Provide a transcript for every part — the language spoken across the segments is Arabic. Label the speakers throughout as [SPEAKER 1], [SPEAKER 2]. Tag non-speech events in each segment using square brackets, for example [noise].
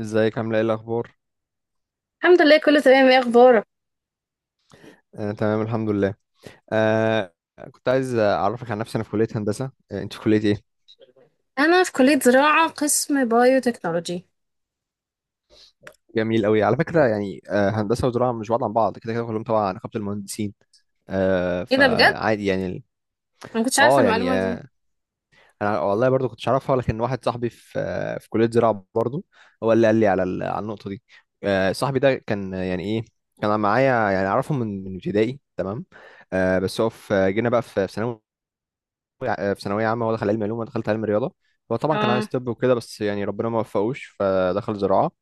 [SPEAKER 1] ازيك، عامله ايه، الاخبار؟
[SPEAKER 2] الحمد لله، كله تمام. ايه اخبارك؟
[SPEAKER 1] آه، تمام الحمد لله. آه. كنت عايز اعرفك عن نفسي. انا في كليه هندسه. انت في كليه ايه؟
[SPEAKER 2] انا في كليه زراعه، قسم بايو تكنولوجي.
[SPEAKER 1] جميل قوي. على فكره يعني هندسه وزراعه مش بعاد عن بعض كده كده، كلهم تبع نقابه المهندسين.
[SPEAKER 2] ايه ده؟ بجد انا
[SPEAKER 1] فعادي يعني.
[SPEAKER 2] ما كنتش عارفه
[SPEAKER 1] اه يعني
[SPEAKER 2] المعلومه دي.
[SPEAKER 1] انا والله برضو كنتش اعرفها، لكن واحد صاحبي في في كليه زراعه برضو، هو اللي قال لي على النقطه دي. صاحبي ده كان، يعني ايه، كان معايا، يعني اعرفه من ابتدائي. تمام. بس هو في جينا بقى، في ثانوي. في ثانويه عامه، هو دخل علم علوم وانا دخلت علم رياضه. هو طبعا كان
[SPEAKER 2] اه،
[SPEAKER 1] عايز طب وكده، بس يعني ربنا ما وفقوش فدخل زراعه.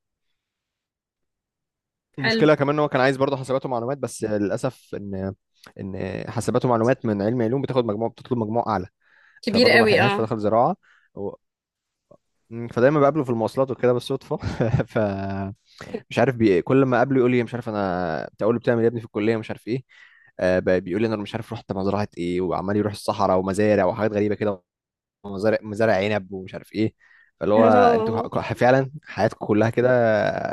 [SPEAKER 2] حلو.
[SPEAKER 1] ومشكله كمان، ان هو كان عايز برضه حاسبات ومعلومات، بس للاسف ان حاسبات ومعلومات من علم علوم بتاخد مجموع، بتطلب مجموع اعلى،
[SPEAKER 2] كبير
[SPEAKER 1] فبرضه ما
[SPEAKER 2] قوي،
[SPEAKER 1] لحقهاش
[SPEAKER 2] اه.
[SPEAKER 1] فدخل زراعه. و... فدايما بقابله في المواصلات وكده بالصدفه. [laughs] فمش عارف، كل ما اقابله يقول لي مش عارف. انا بتقول له بتعمل إيه يا ابني في الكليه، مش عارف ايه. بيقول لي انا مش عارف رحت مزرعه ايه، وعمال يروح الصحراء ومزارع وحاجات غريبه كده. مزارع عنب ومش عارف ايه. فاللي هو انتوا،
[SPEAKER 2] أوه.
[SPEAKER 1] فعلا حياتكم كلها كده،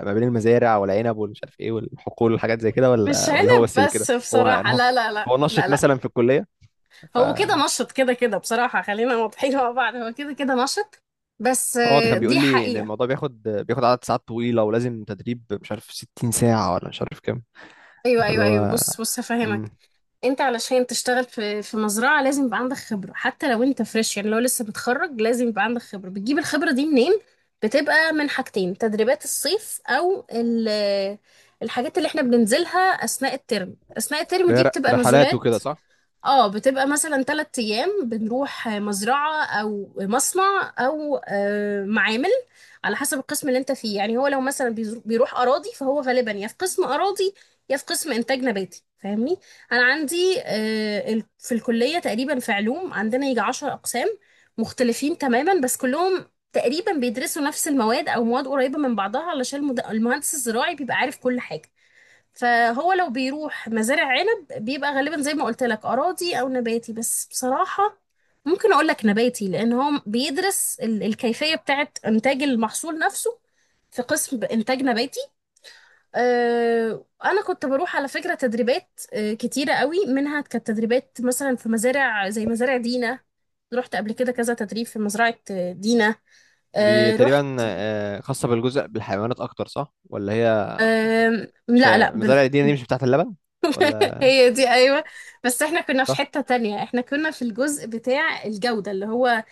[SPEAKER 1] ما بين المزارع والعنب والمش عارف ايه والحقول والحاجات زي كده؟
[SPEAKER 2] مش
[SPEAKER 1] ولا هو
[SPEAKER 2] عنب
[SPEAKER 1] بس اللي كده؟
[SPEAKER 2] بس
[SPEAKER 1] هو انا
[SPEAKER 2] بصراحه،
[SPEAKER 1] هو
[SPEAKER 2] لا لا لا
[SPEAKER 1] هو
[SPEAKER 2] لا
[SPEAKER 1] نشط
[SPEAKER 2] لا.
[SPEAKER 1] مثلا في الكليه. ف
[SPEAKER 2] هو كده نشط كده كده، بصراحه خلينا واضحين مع بعض، هو كده كده نشط. بس
[SPEAKER 1] هو ده كان بيقول
[SPEAKER 2] دي
[SPEAKER 1] لي ان
[SPEAKER 2] حقيقه.
[SPEAKER 1] الموضوع بياخد عدد ساعات طويله، ولازم تدريب مش عارف 60 ساعه ولا مش عارف كام.
[SPEAKER 2] ايوه
[SPEAKER 1] فاللي
[SPEAKER 2] ايوه ايوه،
[SPEAKER 1] هو
[SPEAKER 2] بص بص هفهمك.
[SPEAKER 1] امم
[SPEAKER 2] انت علشان تشتغل في في مزرعة لازم يبقى عندك خبرة، حتى لو انت فريش، يعني لو لسه متخرج لازم يبقى عندك خبرة. بتجيب الخبرة دي منين؟ بتبقى من حاجتين: تدريبات الصيف، او الحاجات اللي احنا بننزلها اثناء الترم. اثناء الترم
[SPEAKER 1] اللي هي
[SPEAKER 2] دي بتبقى
[SPEAKER 1] رحلات
[SPEAKER 2] نزولات.
[SPEAKER 1] وكده صح؟
[SPEAKER 2] اه، بتبقى مثلا 3 ايام بنروح مزرعة او مصنع او معامل، على حسب القسم اللي انت فيه. يعني هو لو مثلا بيروح اراضي، فهو غالبا يا في قسم اراضي، يا في قسم انتاج نباتي، فاهمني؟ انا عندي في الكلية تقريبا، في علوم، عندنا يجي 10 اقسام مختلفين تماما، بس كلهم تقريبا بيدرسوا نفس المواد او مواد قريبة من بعضها، علشان المهندس الزراعي بيبقى عارف كل حاجة. فهو لو بيروح مزارع عنب بيبقى غالبا، زي ما قلت لك، أراضي أو نباتي. بس بصراحة ممكن أقول لك نباتي، لأن هو بيدرس الكيفية بتاعة إنتاج المحصول نفسه، في قسم إنتاج نباتي. أنا كنت بروح على فكرة تدريبات كتيرة قوي، منها كانت تدريبات مثلا في مزارع زي مزارع دينا. رحت قبل كده كذا تدريب في مزرعة دينا.
[SPEAKER 1] دي
[SPEAKER 2] رحت.
[SPEAKER 1] تقريبا خاصه بالجزء بالحيوانات اكتر، صح ولا هي؟
[SPEAKER 2] لا
[SPEAKER 1] عشان
[SPEAKER 2] لا.
[SPEAKER 1] مزارع الدين دي مش بتاعت اللبن ولا؟
[SPEAKER 2] هي دي، ايوه، بس احنا كنا في
[SPEAKER 1] صح.
[SPEAKER 2] حتة تانية. احنا كنا في الجزء بتاع الجودة، اللي هو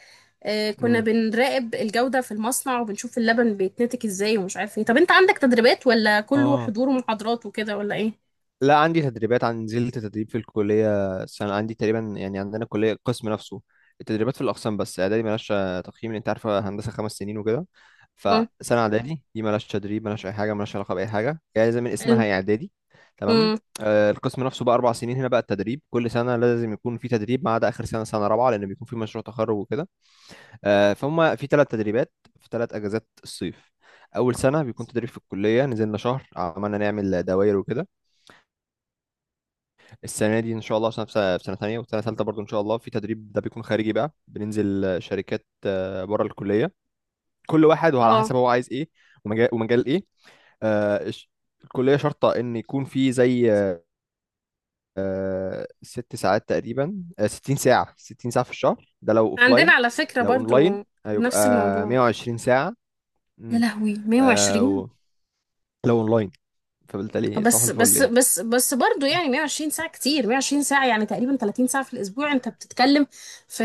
[SPEAKER 2] اه كنا
[SPEAKER 1] امم
[SPEAKER 2] بنراقب الجودة في المصنع وبنشوف اللبن بيتنتج ازاي ومش عارف ايه. طب انت عندك تدريبات ولا كله
[SPEAKER 1] اه،
[SPEAKER 2] حضور ومحاضرات وكده ولا ايه؟
[SPEAKER 1] لا عندي تدريبات. عن، نزلت تدريب في الكلية سنة عندي تقريبا يعني. عندنا كلية، القسم نفسه التدريبات في الأقسام، بس إعدادي ملهاش تقييم. أنت عارف هندسة 5 سنين وكده،
[SPEAKER 2] امم
[SPEAKER 1] فسنة إعدادي دي ملهاش تدريب، ملهاش أي حاجة، ملهاش علاقة بأي حاجة يعني. زي من اسمها،
[SPEAKER 2] حلو.
[SPEAKER 1] هي إعدادي. تمام.
[SPEAKER 2] امم
[SPEAKER 1] القسم نفسه بقى 4 سنين، هنا بقى التدريب كل سنة لازم يكون في تدريب، ما عدا آخر سنة، سنة رابعة، لأن بيكون في مشروع تخرج وكده. فهم في 3 تدريبات، في 3 أجازات الصيف. أول سنة بيكون تدريب في الكلية، نزلنا شهر عملنا نعمل دواير وكده. السنه دي ان شاء الله، عشان في سنة تانية، والسنه الثالثه برضو ان شاء الله في تدريب. ده بيكون خارجي بقى، بننزل شركات بره الكليه، كل واحد وعلى حسب
[SPEAKER 2] اه
[SPEAKER 1] هو عايز ايه، ومجال، ايه. آه، الش- الكليه شرطه ان يكون في زي 6 ساعات تقريبا، 60 ساعه، 60 ساعه في الشهر، ده لو
[SPEAKER 2] عندنا
[SPEAKER 1] اوفلاين.
[SPEAKER 2] على فكرة
[SPEAKER 1] لو اونلاين
[SPEAKER 2] برضو
[SPEAKER 1] هيبقى
[SPEAKER 2] نفس الموضوع.
[SPEAKER 1] 120 ساعه.
[SPEAKER 2] يا
[SPEAKER 1] مم.
[SPEAKER 2] لهوي،
[SPEAKER 1] آه،
[SPEAKER 2] 120!
[SPEAKER 1] و- لو اونلاين، فبالتالي صباح
[SPEAKER 2] بس
[SPEAKER 1] الفل
[SPEAKER 2] بس
[SPEAKER 1] يعني.
[SPEAKER 2] بس بس برضه، يعني 120 ساعة كتير. 120 ساعة يعني تقريبا 30 ساعة في الأسبوع، أنت بتتكلم في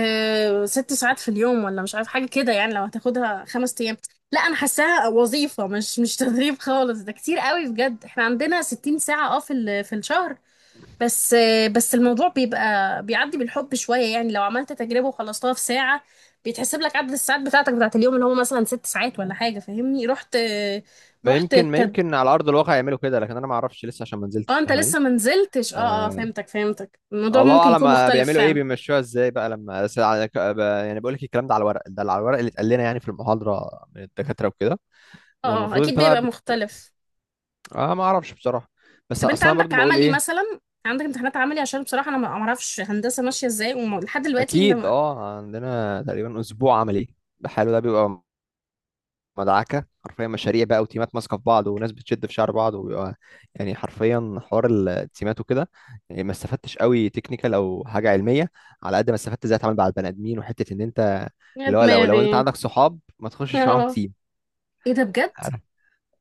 [SPEAKER 2] 6 ساعات في اليوم ولا مش عارف، حاجة كده يعني لو هتاخدها 5 أيام. لا، أنا حاساها وظيفة، مش تدريب خالص. ده كتير قوي بجد. احنا عندنا 60 ساعة، اه، في في الشهر. بس بس الموضوع بيبقى بيعدي بالحب شوية. يعني لو عملت تجربة وخلصتها في ساعة بيتحسب لك عدد الساعات بتاعتك بتاعت اليوم، اللي هو مثلا 6 ساعات ولا حاجة، فاهمني؟ رحت رحت.
[SPEAKER 1] ما يمكن على ارض الواقع يعملوا كده، لكن انا ما اعرفش لسه عشان ما نزلتش.
[SPEAKER 2] اه، انت
[SPEAKER 1] فاهماني؟
[SPEAKER 2] لسه منزلتش. اه اه،
[SPEAKER 1] آه،
[SPEAKER 2] فهمتك فهمتك. الموضوع
[SPEAKER 1] الله
[SPEAKER 2] ممكن
[SPEAKER 1] اعلم
[SPEAKER 2] يكون مختلف
[SPEAKER 1] بيعملوا ايه،
[SPEAKER 2] فعلا.
[SPEAKER 1] بيمشوها ازاي بقى. لما بس، يعني بقول لك الكلام ده على الورق. ده على الورق اللي اتقال لنا يعني في المحاضره من الدكاتره وكده،
[SPEAKER 2] اه اه،
[SPEAKER 1] والمفروض
[SPEAKER 2] اكيد
[SPEAKER 1] انت بقى
[SPEAKER 2] بيبقى مختلف.
[SPEAKER 1] اه، ما اعرفش بصراحه. بس
[SPEAKER 2] طب انت
[SPEAKER 1] اصل انا
[SPEAKER 2] عندك
[SPEAKER 1] برضو بقول
[SPEAKER 2] عملي
[SPEAKER 1] ايه؟
[SPEAKER 2] مثلا؟ عندك امتحانات عملي؟ عشان بصراحة انا ما ما اعرفش هندسة ماشية ازاي، ولحد دلوقتي انت
[SPEAKER 1] اكيد.
[SPEAKER 2] ما...
[SPEAKER 1] اه عندنا تقريبا اسبوع عملي بحاله، ده بيبقى مدعكه حرفيا، مشاريع بقى وتيمات ماسكه في بعض، وناس بتشد في شعر بعض، وبيبقى يعني حرفيا حوار التيمات وكده. يعني ما استفدتش قوي تكنيكال او حاجه علميه، على قد ما استفدت ازاي اتعامل مع البني ادمين. وحته ان انت
[SPEAKER 2] يا
[SPEAKER 1] اللي هو، لو انت
[SPEAKER 2] دماغي! [laughs]
[SPEAKER 1] عندك صحاب ما تخشش معاهم
[SPEAKER 2] اه،
[SPEAKER 1] تيم،
[SPEAKER 2] ايه ده؟ بجد
[SPEAKER 1] عارف،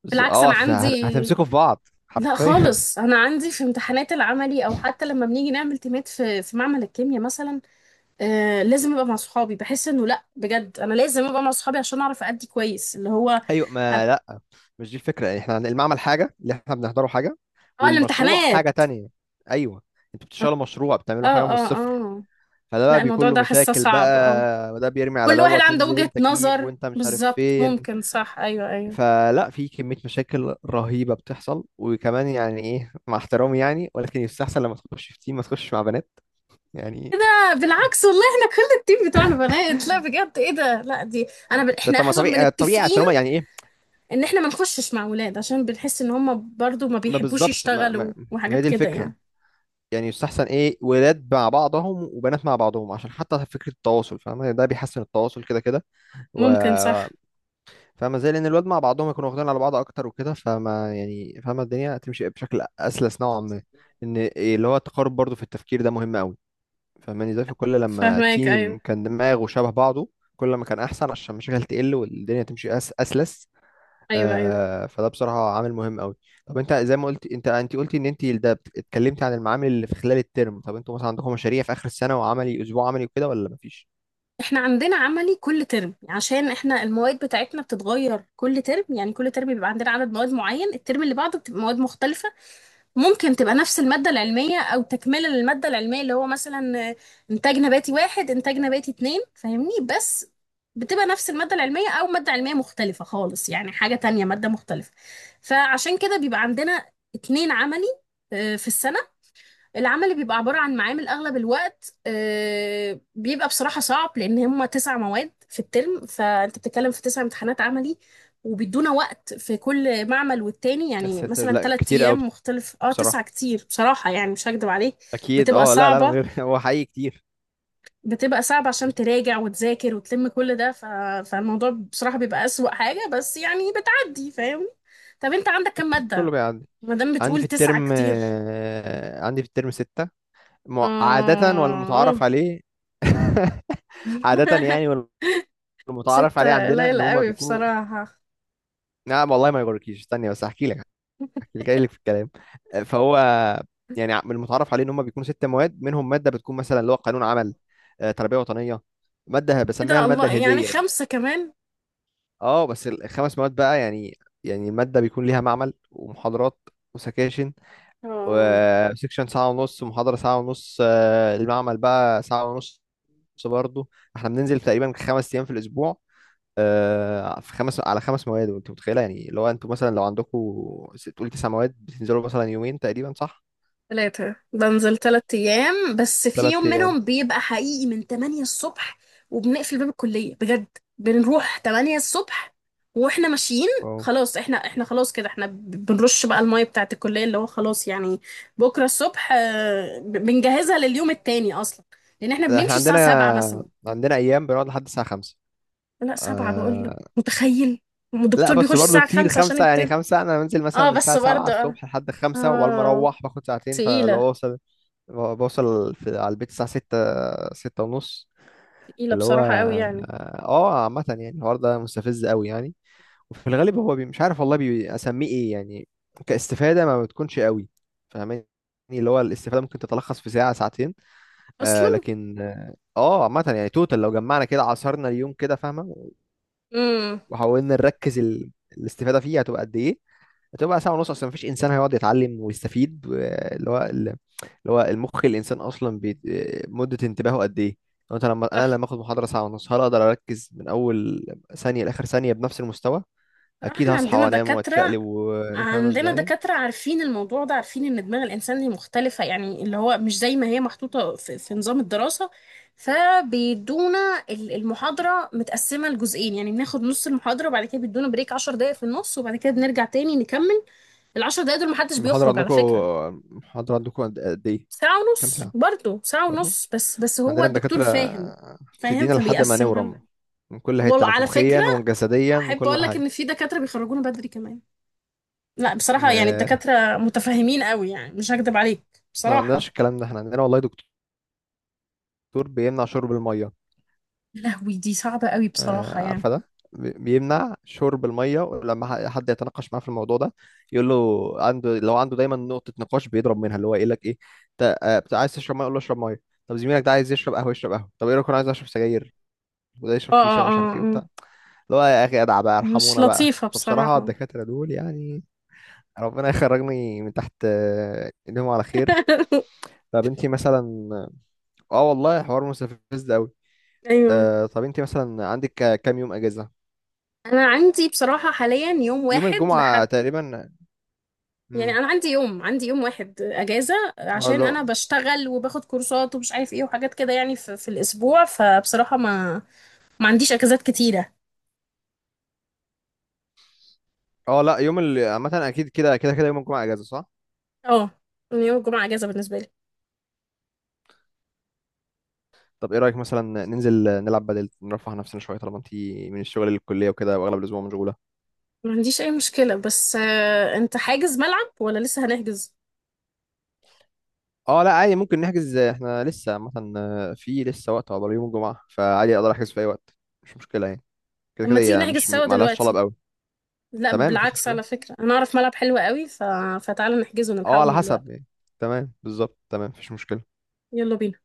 [SPEAKER 2] بالعكس انا
[SPEAKER 1] عشان
[SPEAKER 2] عندي.
[SPEAKER 1] هتمسكوا في بعض
[SPEAKER 2] لا
[SPEAKER 1] حرفيا. [laughs]
[SPEAKER 2] خالص، انا عندي في امتحانات العملي، او حتى لما بنيجي نعمل تيمات في في معمل الكيمياء مثلا، لازم ابقى مع صحابي، بحس انه لا بجد انا لازم ابقى مع صحابي عشان اعرف ادي كويس، اللي هو
[SPEAKER 1] ايوه،
[SPEAKER 2] اه
[SPEAKER 1] ما لا، مش دي الفكره يعني. احنا، المعمل حاجه، اللي احنا بنحضره حاجه، والمشروع
[SPEAKER 2] الامتحانات.
[SPEAKER 1] حاجه تانية. ايوه. انتوا بتشتغلوا مشروع،
[SPEAKER 2] اه
[SPEAKER 1] بتعملوا حاجه من
[SPEAKER 2] اه
[SPEAKER 1] الصفر،
[SPEAKER 2] اه،
[SPEAKER 1] فده بقى
[SPEAKER 2] لا، الموضوع
[SPEAKER 1] بيكون له
[SPEAKER 2] ده حاسه
[SPEAKER 1] مشاكل
[SPEAKER 2] صعب، اه.
[SPEAKER 1] بقى، وده بيرمي على
[SPEAKER 2] كل واحد
[SPEAKER 1] دوت
[SPEAKER 2] عنده
[SPEAKER 1] وانزل
[SPEAKER 2] وجهة
[SPEAKER 1] انت جيب،
[SPEAKER 2] نظر،
[SPEAKER 1] وانت مش عارف
[SPEAKER 2] بالظبط،
[SPEAKER 1] فين.
[SPEAKER 2] ممكن. صح، ايوه ايوه.
[SPEAKER 1] فلا، في كمية مشاكل رهيبة بتحصل. وكمان يعني ايه، مع احترامي يعني، ولكن يستحسن لما تخش في تيم ما تخش مع بنات
[SPEAKER 2] ايه
[SPEAKER 1] يعني.
[SPEAKER 2] ده؟ بالعكس والله، احنا كل التيم بتوع البنات، لا بجد ايه ده، لا دي، احنا
[SPEAKER 1] طب ما
[SPEAKER 2] احنا
[SPEAKER 1] طبيعي طبيعي
[SPEAKER 2] متفقين
[SPEAKER 1] عشان هما يعني ايه.
[SPEAKER 2] ان احنا ما نخشش مع ولاد، عشان بنحس ان هم برضو ما
[SPEAKER 1] ما
[SPEAKER 2] بيحبوش
[SPEAKER 1] بالظبط.
[SPEAKER 2] يشتغلوا
[SPEAKER 1] ما، ما هي
[SPEAKER 2] وحاجات
[SPEAKER 1] دي
[SPEAKER 2] كده
[SPEAKER 1] الفكرة
[SPEAKER 2] يعني.
[SPEAKER 1] يعني. يستحسن ايه، ولاد مع بعضهم وبنات مع بعضهم، عشان حتى فكرة التواصل، فاهم؟ ده بيحسن التواصل كده كده. و...
[SPEAKER 2] ممكن صح.
[SPEAKER 1] فما زي لان الواد مع بعضهم يكونوا واخدين على بعض اكتر وكده، فما يعني، فاهمه الدنيا تمشي بشكل اسلس نوعا ما. ان اللي هو التقارب برضو في التفكير ده مهم قوي. فاهماني؟ زي في كل لما
[SPEAKER 2] فهماك، ايوه
[SPEAKER 1] تيم كان دماغه شبه بعضه، كل ما كان احسن، عشان المشاكل تقل والدنيا تمشي اسلس.
[SPEAKER 2] ايوه ايوه.
[SPEAKER 1] فده بصراحه عامل مهم قوي. طب انت زي ما قلت، انت قلتي ان انت ده، اتكلمتي عن المعامل اللي في خلال الترم. طب انتوا مثلا عندكم مشاريع في اخر السنه، وعملي، اسبوع عملي وكده ولا مفيش؟
[SPEAKER 2] احنا عندنا عملي كل ترم، عشان احنا المواد بتاعتنا بتتغير كل ترم. يعني كل ترم بيبقى عندنا عدد مواد معين، الترم اللي بعده بتبقى مواد مختلفة. ممكن تبقى نفس المادة العلمية او تكملة للمادة العلمية، اللي هو مثلا انتاج نباتي 1، انتاج نباتي 2، فاهمني؟ بس بتبقى نفس المادة العلمية او مادة علمية مختلفة خالص، يعني حاجة تانية، مادة مختلفة. فعشان كده بيبقى عندنا 2 عملي في السنة. العمل اللي بيبقى عبارة عن معامل أغلب الوقت، بيبقى بصراحة صعب، لأن هما 9 مواد في الترم، فأنت بتتكلم في 9 امتحانات عملي. وبيدونا وقت في كل معمل والتاني
[SPEAKER 1] يا
[SPEAKER 2] يعني
[SPEAKER 1] ساتر،
[SPEAKER 2] مثلا
[SPEAKER 1] لا
[SPEAKER 2] تلات
[SPEAKER 1] كتير قوي
[SPEAKER 2] أيام مختلف. اه،
[SPEAKER 1] بصراحه.
[SPEAKER 2] 9 كتير بصراحة يعني، مش هكدب عليك.
[SPEAKER 1] اكيد.
[SPEAKER 2] بتبقى
[SPEAKER 1] اه لا لا لا، من
[SPEAKER 2] صعبة
[SPEAKER 1] غير [laughs] هو حقيقي كتير.
[SPEAKER 2] بتبقى صعبة عشان تراجع وتذاكر وتلم كل ده. فالموضوع بصراحة بيبقى أسوأ حاجة، بس يعني بتعدي، فاهم؟ طب أنت عندك كم
[SPEAKER 1] اكيد كله
[SPEAKER 2] مادة؟
[SPEAKER 1] بيعدي.
[SPEAKER 2] مادام بتقول 9 كتير.
[SPEAKER 1] عندي في الترم ستة،
[SPEAKER 2] آه،
[SPEAKER 1] عادة،
[SPEAKER 2] آه.
[SPEAKER 1] والمتعارف عليه. [laughs] عادة
[SPEAKER 2] [laughs]
[SPEAKER 1] يعني، والمتعارف عليه
[SPEAKER 2] 6
[SPEAKER 1] عندنا ان
[SPEAKER 2] قليل
[SPEAKER 1] هما
[SPEAKER 2] قوي
[SPEAKER 1] بيكونوا.
[SPEAKER 2] بصراحة.
[SPEAKER 1] نعم والله، ما يغركيش، استني بس احكي لك. احكي لك، جاي لك في الكلام. فهو يعني من المتعارف عليه ان هما بيكونوا 6 مواد، منهم مادة بتكون مثلا اللي هو قانون عمل، تربية وطنية، مادة بسميها
[SPEAKER 2] كده
[SPEAKER 1] المادة
[SPEAKER 2] الله
[SPEAKER 1] الهندية
[SPEAKER 2] يعني
[SPEAKER 1] يعني.
[SPEAKER 2] 5 كمان.
[SPEAKER 1] اه بس الخمس مواد بقى يعني، يعني المادة بيكون ليها معمل ومحاضرات وسكاشن.
[SPEAKER 2] اه،
[SPEAKER 1] وسكشن ساعة ونص، محاضرة ساعة ونص، المعمل بقى ساعة ونص برضه. احنا بننزل تقريبا 5 أيام في الأسبوع، في خمس، على خمس مواد. وانت متخيلة يعني لو انتوا مثلا، لو عندكم تقول 9 مواد، بتنزلوا مثلا يومين تقريبا صح؟
[SPEAKER 2] 3؟ بنزل 3 أيام، بس في
[SPEAKER 1] ثلاث
[SPEAKER 2] يوم
[SPEAKER 1] أيام
[SPEAKER 2] منهم بيبقى حقيقي من 8 الصبح، وبنقفل باب الكلية بجد. بنروح 8 الصبح واحنا ماشيين
[SPEAKER 1] اه،
[SPEAKER 2] خلاص، احنا خلاص كده، احنا بنرش بقى المية بتاعت الكلية، اللي هو خلاص يعني بكرة الصبح بنجهزها لليوم التاني أصلا، لأن احنا
[SPEAKER 1] احنا
[SPEAKER 2] بنمشي الساعة
[SPEAKER 1] عندنا،
[SPEAKER 2] سبعة مثلا.
[SPEAKER 1] أيام بنقعد لحد الساعة خمسة.
[SPEAKER 2] لا 7 بقول لك،
[SPEAKER 1] آه
[SPEAKER 2] متخيل؟
[SPEAKER 1] لا،
[SPEAKER 2] الدكتور
[SPEAKER 1] بس
[SPEAKER 2] بيخش
[SPEAKER 1] برضه
[SPEAKER 2] الساعة
[SPEAKER 1] كتير
[SPEAKER 2] خمسة عشان
[SPEAKER 1] خمسة يعني.
[SPEAKER 2] يبتدي.
[SPEAKER 1] خمسة، أنا بنزل مثلا
[SPEAKER 2] اه
[SPEAKER 1] من
[SPEAKER 2] بس
[SPEAKER 1] الساعة سبعة
[SPEAKER 2] برضه، اه
[SPEAKER 1] الصبح لحد خمسة، وعلى ما
[SPEAKER 2] اه،
[SPEAKER 1] أروح باخد ساعتين، فلو
[SPEAKER 2] تقيلة.
[SPEAKER 1] أوصل، بوصل في على البيت الساعة ستة، ستة ونص.
[SPEAKER 2] تقيلة
[SPEAKER 1] اللي هو
[SPEAKER 2] بصراحة قوي يعني،
[SPEAKER 1] اه. عامة يعني الحوار ده مستفز قوي يعني. وفي الغالب هو مش عارف والله، اسميه ايه يعني، كاستفادة ما بتكونش قوي. فاهماني؟ اللي هو الاستفادة ممكن تتلخص في ساعة، ساعتين. آه
[SPEAKER 2] اصلا.
[SPEAKER 1] لكن اه آه، عامة يعني، توتال لو جمعنا كده، عصرنا اليوم كده فاهمة،
[SPEAKER 2] امم
[SPEAKER 1] وحاولنا نركز، الاستفادة فيه هتبقى قد إيه؟ هتبقى ساعة ونص. أصلا مفيش إنسان هيقعد يتعلم ويستفيد. و- اللي هو ال- اللي هو المخ الإنسان أصلا، مدة انتباهه قد إيه؟ لو أنت لما أنا
[SPEAKER 2] صح.
[SPEAKER 1] لما آخد محاضرة ساعة ونص، هل أقدر أركز من أول ثانية لآخر ثانية بنفس المستوى؟
[SPEAKER 2] بصراحة
[SPEAKER 1] أكيد
[SPEAKER 2] احنا
[SPEAKER 1] هصحى
[SPEAKER 2] عندنا
[SPEAKER 1] وأنام
[SPEAKER 2] دكاترة،
[SPEAKER 1] وأتشقلب فاهم
[SPEAKER 2] عندنا
[SPEAKER 1] إزاي.
[SPEAKER 2] دكاترة عارفين الموضوع ده، عارفين ان دماغ الانسان دي مختلفة، يعني اللي هو مش زي ما هي محطوطة في, في نظام الدراسة. فبيدونا المحاضرة متقسمة لجزئين. يعني بناخد نص المحاضرة وبعد كده بيدونا بريك 10 دقايق في النص، وبعد كده بنرجع تاني نكمل. العشر دقايق دول محدش
[SPEAKER 1] المحاضرة
[SPEAKER 2] بيخرج على
[SPEAKER 1] عندكم
[SPEAKER 2] فكرة.
[SPEAKER 1] المحاضرة عندكم قد إيه،
[SPEAKER 2] ساعة
[SPEAKER 1] كام
[SPEAKER 2] ونص
[SPEAKER 1] ساعة؟
[SPEAKER 2] برضه. ساعة
[SPEAKER 1] برضه
[SPEAKER 2] ونص بس بس هو
[SPEAKER 1] عندنا
[SPEAKER 2] الدكتور
[SPEAKER 1] الدكاترة
[SPEAKER 2] فاهم فاهم،
[SPEAKER 1] بتدينا لحد ما
[SPEAKER 2] فبيقسمها
[SPEAKER 1] نورم،
[SPEAKER 2] لنا.
[SPEAKER 1] من كل حتة
[SPEAKER 2] وعلى
[SPEAKER 1] نفوخيا
[SPEAKER 2] فكرة،
[SPEAKER 1] وجسديا
[SPEAKER 2] أحب
[SPEAKER 1] وكل
[SPEAKER 2] أقول لك
[SPEAKER 1] حاجة.
[SPEAKER 2] إن في دكاترة بيخرجونا بدري كمان. لا بصراحة يعني
[SPEAKER 1] [laughs]
[SPEAKER 2] الدكاترة متفاهمين قوي، يعني مش هكدب عليك
[SPEAKER 1] احنا ما عندناش
[SPEAKER 2] بصراحة.
[SPEAKER 1] الكلام ده. احنا عندنا والله دكتور بيمنع شرب المية.
[SPEAKER 2] يا لهوي، دي صعبة قوي بصراحة يعني.
[SPEAKER 1] عارفة، ده بيمنع شرب المية، ولما حد يتناقش معاه في الموضوع ده يقول له عنده، لو عنده دايما نقطة نقاش بيضرب منها، اللي هو يقول لك ايه، انت عايز تشرب مية يقول له اشرب مية. طب زميلك ده عايز يشرب قهوة يشرب قهوة. طب ايه رأيك، انا عايز اشرب سجاير، وده
[SPEAKER 2] اه
[SPEAKER 1] يشرب شيشة
[SPEAKER 2] اه
[SPEAKER 1] ومش عارف ايه
[SPEAKER 2] اه،
[SPEAKER 1] وبتاع.
[SPEAKER 2] آه.
[SPEAKER 1] اللي هو يا اخي ادعى بقى،
[SPEAKER 2] مش
[SPEAKER 1] ارحمونا بقى.
[SPEAKER 2] لطيفة
[SPEAKER 1] فبصراحة
[SPEAKER 2] بصراحة.
[SPEAKER 1] الدكاترة دول يعني، ربنا يخرجني من تحت ايديهم على خير.
[SPEAKER 2] [laughs]
[SPEAKER 1] طب انتي مثلا، اه والله حوار مستفز ده.
[SPEAKER 2] أيوه.
[SPEAKER 1] طب انت مثلا عندك كام يوم اجازه؟
[SPEAKER 2] أنا عندي بصراحة حاليا يوم
[SPEAKER 1] يوم
[SPEAKER 2] واحد
[SPEAKER 1] الجمعه
[SPEAKER 2] لحد،
[SPEAKER 1] تقريبا.
[SPEAKER 2] يعني
[SPEAKER 1] امم.
[SPEAKER 2] انا عندي يوم واحد اجازه،
[SPEAKER 1] اه
[SPEAKER 2] عشان
[SPEAKER 1] لا،
[SPEAKER 2] انا بشتغل وباخد كورسات ومش عارف ايه وحاجات كده يعني في, في الاسبوع. فبصراحه ما ما عنديش اجازات كتيره.
[SPEAKER 1] اه لا، يوم عامه اكيد كده كده كده يوم الجمعه اجازه صح.
[SPEAKER 2] اه، يعني يوم الجمعه اجازه بالنسبه لي.
[SPEAKER 1] طب ايه رايك مثلا ننزل نلعب، بدل نرفه عن نفسنا شويه، طالما انت من الشغل للكليه وكده، واغلب الاسبوع مشغوله.
[SPEAKER 2] ما عنديش اي مشكله، بس انت حاجز ملعب ولا لسه هنحجز؟
[SPEAKER 1] اه، لا عادي ممكن نحجز، احنا لسه عامه في لسه وقت عقبال يوم الجمعه، فعادي اقدر احجز في اي وقت، مش مشكله يعني. كده كده
[SPEAKER 2] اما تيجي
[SPEAKER 1] هي
[SPEAKER 2] نحجز
[SPEAKER 1] مش
[SPEAKER 2] سوا
[SPEAKER 1] معلهاش طلب
[SPEAKER 2] دلوقتي.
[SPEAKER 1] قوي.
[SPEAKER 2] لا
[SPEAKER 1] تمام مفيش
[SPEAKER 2] بالعكس،
[SPEAKER 1] مشكله.
[SPEAKER 2] على فكره انا اعرف ملعب حلو قوي، فتعالى نحجزه
[SPEAKER 1] اه
[SPEAKER 2] ونلحقه
[SPEAKER 1] على
[SPEAKER 2] من
[SPEAKER 1] حسب
[SPEAKER 2] دلوقتي.
[SPEAKER 1] يعني. تمام، بالظبط، تمام مفيش مشكله.
[SPEAKER 2] يلا بينا.